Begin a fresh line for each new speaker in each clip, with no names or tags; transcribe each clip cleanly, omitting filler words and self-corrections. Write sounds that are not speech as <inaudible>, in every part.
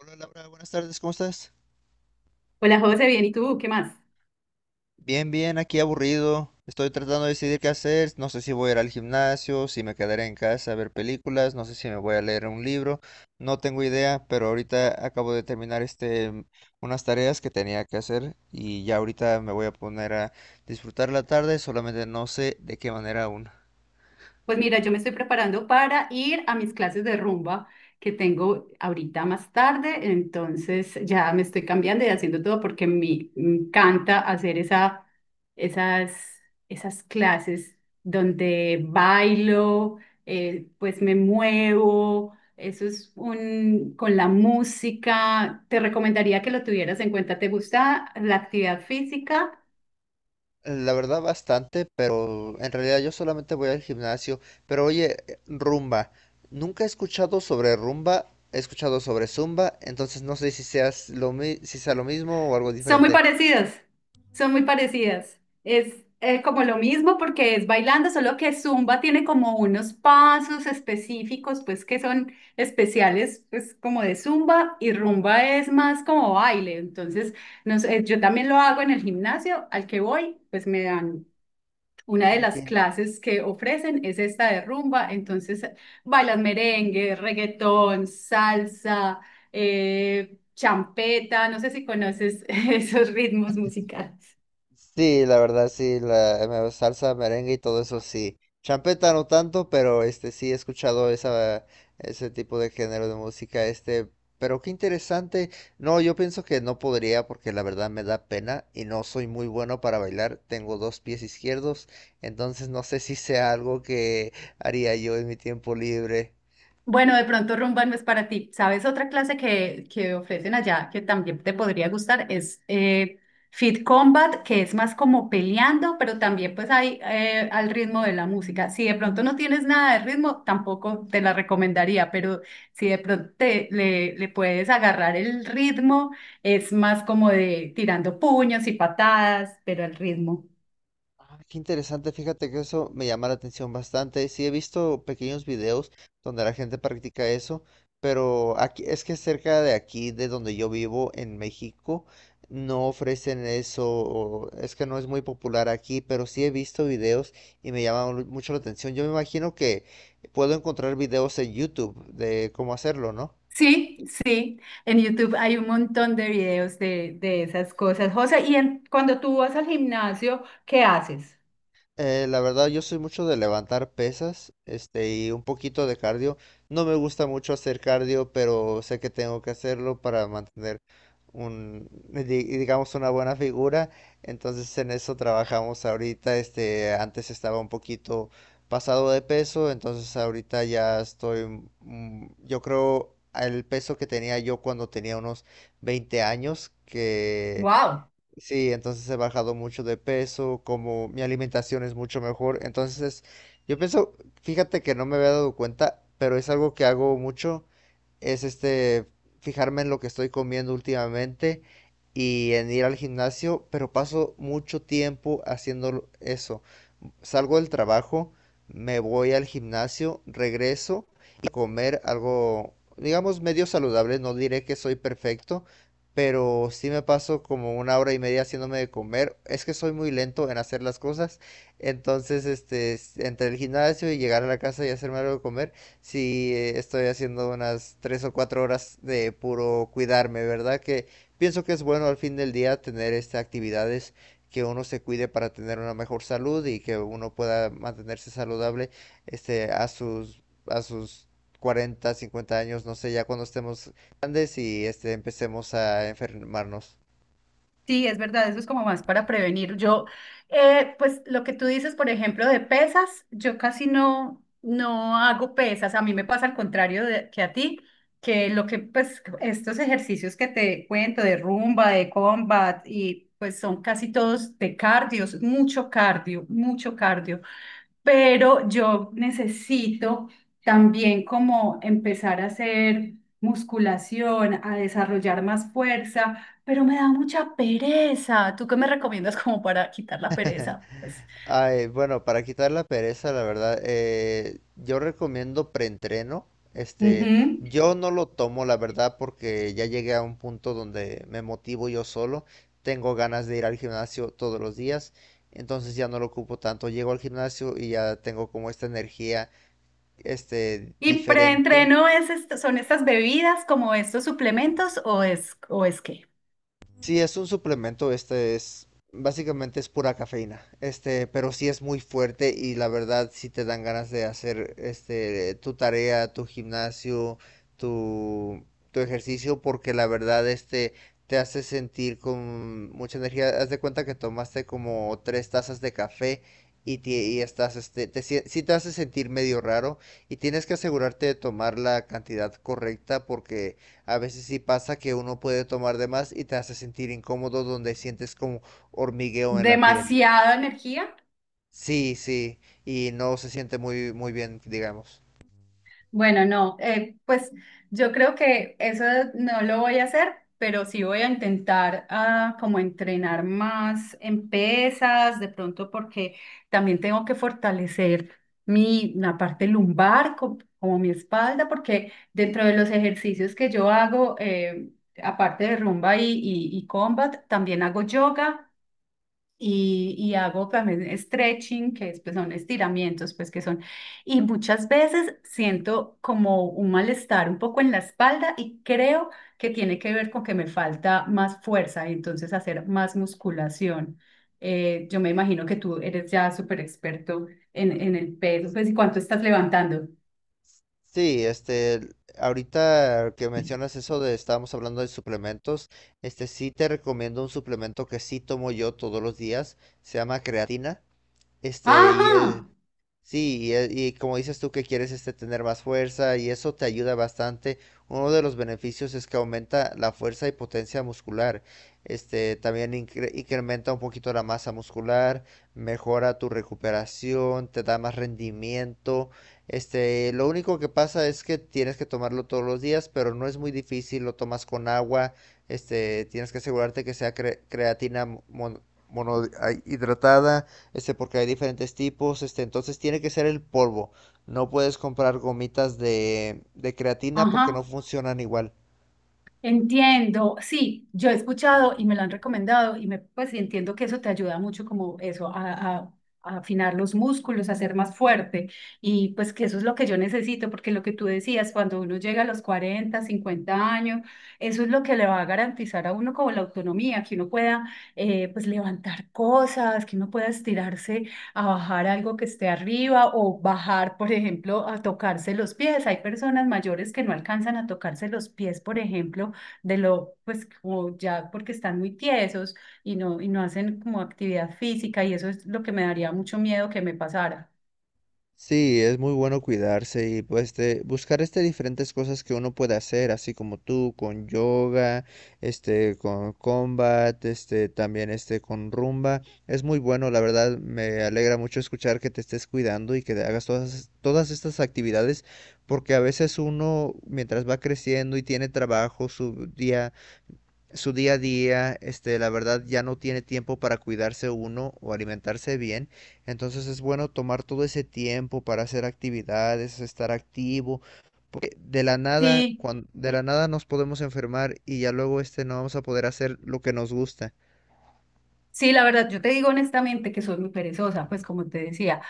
Hola Laura, buenas tardes, ¿cómo estás?
Hola José, bien, ¿y tú? ¿Qué más?
Bien, bien, aquí aburrido. Estoy tratando de decidir qué hacer. No sé si voy a ir al gimnasio, si me quedaré en casa a ver películas, no sé si me voy a leer un libro. No tengo idea, pero ahorita acabo de terminar unas tareas que tenía que hacer y ya ahorita me voy a poner a disfrutar la tarde, solamente no sé de qué manera aún.
Pues mira, yo me estoy preparando para ir a mis clases de rumba que tengo ahorita más tarde, entonces ya me estoy cambiando y haciendo todo porque me encanta hacer esas, esas clases donde bailo, pues me muevo, eso es un, con la música, te recomendaría que lo tuvieras en cuenta. ¿Te gusta la actividad física?
La verdad bastante, pero en realidad yo solamente voy al gimnasio. Pero oye, rumba. Nunca he escuchado sobre rumba, he escuchado sobre zumba, entonces no sé si seas si sea lo mismo o algo
Son muy
diferente.
parecidas, son muy parecidas. Es como lo mismo porque es bailando, solo que Zumba tiene como unos pasos específicos, pues que son especiales, pues como de Zumba, y rumba es más como baile. Entonces, no sé, yo también lo hago en el gimnasio al que voy. Pues me dan, una de
Ah,
las
ya.
clases que ofrecen es esta de rumba. Entonces bailas merengue, reggaetón, salsa, champeta, no sé si conoces <laughs> esos ritmos musicales.
Sí, la verdad, sí, salsa, merengue y todo eso, sí. Champeta no tanto, pero sí he escuchado esa, ese tipo de género de música, pero qué interesante. No, yo pienso que no podría porque la verdad me da pena y no soy muy bueno para bailar. Tengo dos pies izquierdos, entonces no sé si sea algo que haría yo en mi tiempo libre.
Bueno, de pronto rumba no es para ti. ¿Sabes otra clase que ofrecen allá que también te podría gustar? Es Fit Combat, que es más como peleando, pero también pues hay al ritmo de la música. Si de pronto no tienes nada de ritmo, tampoco te la recomendaría, pero si de pronto le puedes agarrar el ritmo, es más como de tirando puños y patadas, pero al ritmo.
Ah, qué interesante, fíjate que eso me llama la atención bastante. Sí, he visto pequeños videos donde la gente practica eso, pero aquí es que cerca de aquí, de donde yo vivo, en México, no ofrecen eso, o es que no es muy popular aquí, pero sí he visto videos y me llama mucho la atención. Yo me imagino que puedo encontrar videos en YouTube de cómo hacerlo, ¿no?
Sí, sí, en YouTube hay un montón de videos de esas cosas. José, cuando tú vas al gimnasio, ¿qué haces?
La verdad, yo soy mucho de levantar pesas, y un poquito de cardio. No me gusta mucho hacer cardio, pero sé que tengo que hacerlo para mantener digamos, una buena figura. Entonces, en eso trabajamos ahorita. Antes estaba un poquito pasado de peso, entonces ahorita ya estoy, yo creo, al peso que tenía yo cuando tenía unos 20 años, que
Wow,
sí, entonces he bajado mucho de peso, como mi alimentación es mucho mejor. Entonces, yo pienso, fíjate que no me había dado cuenta, pero es algo que hago mucho, es fijarme en lo que estoy comiendo últimamente y en ir al gimnasio, pero paso mucho tiempo haciendo eso, salgo del trabajo, me voy al gimnasio, regreso y comer algo, digamos, medio saludable. No diré que soy perfecto, pero sí me paso como una hora y media haciéndome de comer. Es que soy muy lento en hacer las cosas. Entonces, entre el gimnasio y llegar a la casa y hacerme algo de comer, sí estoy haciendo unas 3 o 4 horas de puro cuidarme, ¿verdad? Que pienso que es bueno al fin del día tener estas actividades que uno se cuide para tener una mejor salud y que uno pueda mantenerse saludable a sus 40 50 años, no sé, ya cuando estemos grandes y empecemos a enfermarnos.
sí, es verdad, eso es como más para prevenir. Yo, pues lo que tú dices, por ejemplo, de pesas, yo casi no, no hago pesas. A mí me pasa al contrario que a ti, que lo que, pues, estos ejercicios que te cuento de rumba, de combat, y pues son casi todos de cardio, mucho cardio, mucho cardio. Pero yo necesito también como empezar a hacer musculación, a desarrollar más fuerza, pero me da mucha pereza. ¿Tú qué me recomiendas como para quitar la
<laughs>
pereza? Pues,
Ay, bueno, para quitar la pereza, la verdad, yo recomiendo preentreno. Este,
ujú.
yo no lo tomo, la verdad, porque ya llegué a un punto donde me motivo yo solo. Tengo ganas de ir al gimnasio todos los días, entonces ya no lo ocupo tanto. Llego al gimnasio y ya tengo como esta energía,
¿Y
diferente.
preentreno es esto, son estas bebidas como estos suplementos, o es qué?
Sí, es un suplemento, básicamente es pura cafeína, pero sí es muy fuerte y la verdad sí te dan ganas de hacer, tu tarea, tu gimnasio, tu, tu ejercicio, porque la verdad, te hace sentir con mucha energía. Haz de cuenta que tomaste como 3 tazas de café y estás, sí te hace sentir medio raro y tienes que asegurarte de tomar la cantidad correcta porque a veces sí pasa que uno puede tomar de más y te hace sentir incómodo donde sientes como hormigueo en la piel.
¿Demasiada energía?
Sí, sí, y no se siente muy, muy bien, digamos.
Bueno, no, pues yo creo que eso no lo voy a hacer, pero sí voy a intentar ah, como entrenar más en pesas, de pronto porque también tengo que fortalecer mi, la parte lumbar, como mi espalda, porque dentro de los ejercicios que yo hago, aparte de rumba y, y combat, también hago yoga y hago también stretching, que es, pues, son estiramientos, pues que son, y muchas veces siento como un malestar un poco en la espalda y creo que tiene que ver con que me falta más fuerza y entonces hacer más musculación. Yo me imagino que tú eres ya súper experto en el peso, pues, ¿y cuánto estás levantando?
Sí, ahorita que mencionas eso de estábamos hablando de suplementos, sí te recomiendo un suplemento que sí tomo yo todos los días, se llama creatina, este, y
Ajá,
eh, sí, y como dices tú que quieres tener más fuerza y eso te ayuda bastante. Uno de los beneficios es que aumenta la fuerza y potencia muscular. También incrementa un poquito la masa muscular, mejora tu recuperación, te da más rendimiento. Lo único que pasa es que tienes que tomarlo todos los días, pero no es muy difícil, lo tomas con agua. Tienes que asegurarte que sea monohidratada, porque hay diferentes tipos, entonces tiene que ser el polvo. No puedes comprar gomitas de creatina porque
ajá.
no funcionan igual.
Entiendo, sí, yo he escuchado y me lo han recomendado y me, pues y entiendo que eso te ayuda mucho como eso, a- a afinar los músculos, a ser más fuerte, y pues que eso es lo que yo necesito porque lo que tú decías, cuando uno llega a los 40 50 años, eso es lo que le va a garantizar a uno como la autonomía, que uno pueda pues levantar cosas, que uno pueda estirarse a bajar algo que esté arriba, o bajar, por ejemplo, a tocarse los pies. Hay personas mayores que no alcanzan a tocarse los pies, por ejemplo, de lo, pues como ya porque están muy tiesos y no hacen como actividad física, y eso es lo que me daría mucho miedo que me pasara.
Sí, es muy bueno cuidarse y pues buscar diferentes cosas que uno puede hacer, así como tú con yoga, con combat, este también este con rumba. Es muy bueno, la verdad me alegra mucho escuchar que te estés cuidando y que hagas todas estas actividades porque a veces uno mientras va creciendo y tiene trabajo, su día a día, la verdad ya no tiene tiempo para cuidarse uno o alimentarse bien, entonces es bueno tomar todo ese tiempo para hacer actividades, estar activo, porque de la nada,
Sí,
de la nada nos podemos enfermar y ya luego no vamos a poder hacer lo que nos gusta.
sí, la verdad, yo te digo honestamente que soy muy perezosa, pues como te decía,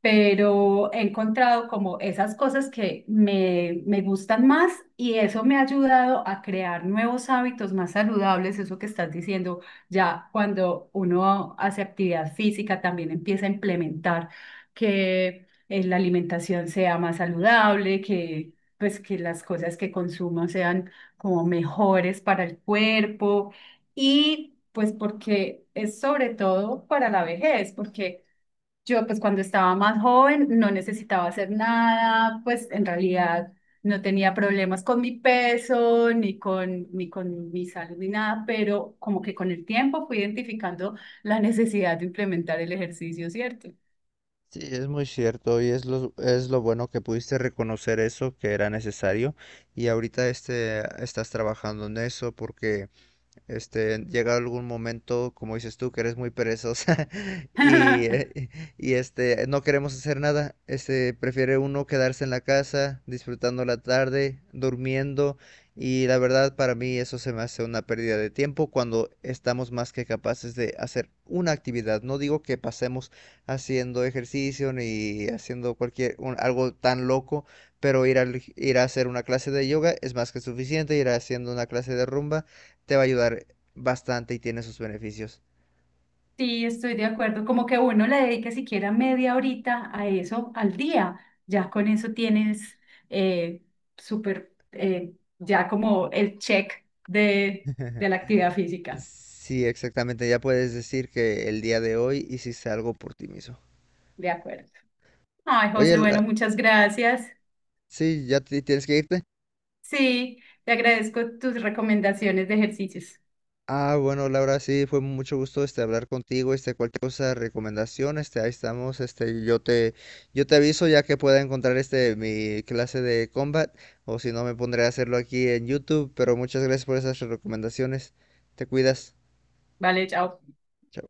pero he encontrado como esas cosas me gustan más y eso me ha ayudado a crear nuevos hábitos más saludables, eso que estás diciendo, ya cuando uno hace actividad física también empieza a implementar que la alimentación sea más saludable, que pues que las cosas que consumo sean como mejores para el cuerpo, y pues porque es sobre todo para la vejez, porque yo pues cuando estaba más joven no necesitaba hacer nada, pues en realidad no tenía problemas con mi peso, ni con mi salud, ni nada, pero como que con el tiempo fui identificando la necesidad de implementar el ejercicio, ¿cierto?
Sí, es muy cierto y es lo bueno que pudiste reconocer eso que era necesario y ahorita estás trabajando en eso porque llega algún momento, como dices tú, que eres muy perezosa <laughs> y,
<laughs>
eh, no queremos hacer nada. Prefiere uno quedarse en la casa, disfrutando la tarde, durmiendo. Y la verdad, para mí eso se me hace una pérdida de tiempo cuando estamos más que capaces de hacer una actividad. No digo que pasemos haciendo ejercicio ni haciendo algo tan loco, pero ir a hacer una clase de yoga es más que suficiente, ir haciendo una clase de rumba te va a ayudar bastante y tiene sus beneficios.
Sí, estoy de acuerdo. Como que uno le dedique siquiera media horita a eso al día. Ya con eso tienes eh, súper, ya como el check de, de la actividad física.
Sí, exactamente. Ya puedes decir que el día de hoy hiciste algo por ti mismo.
De acuerdo. Ay,
Oye,
José, bueno, muchas gracias.
sí, ya tienes que irte.
Sí, te agradezco tus recomendaciones de ejercicios.
Ah, bueno, Laura, sí, fue mucho gusto hablar contigo, cualquier cosa, recomendación, ahí estamos, yo te aviso ya que pueda encontrar mi clase de combat, o si no me pondré a hacerlo aquí en YouTube, pero muchas gracias por esas recomendaciones. Te cuidas.
Vale, chao.
Chao.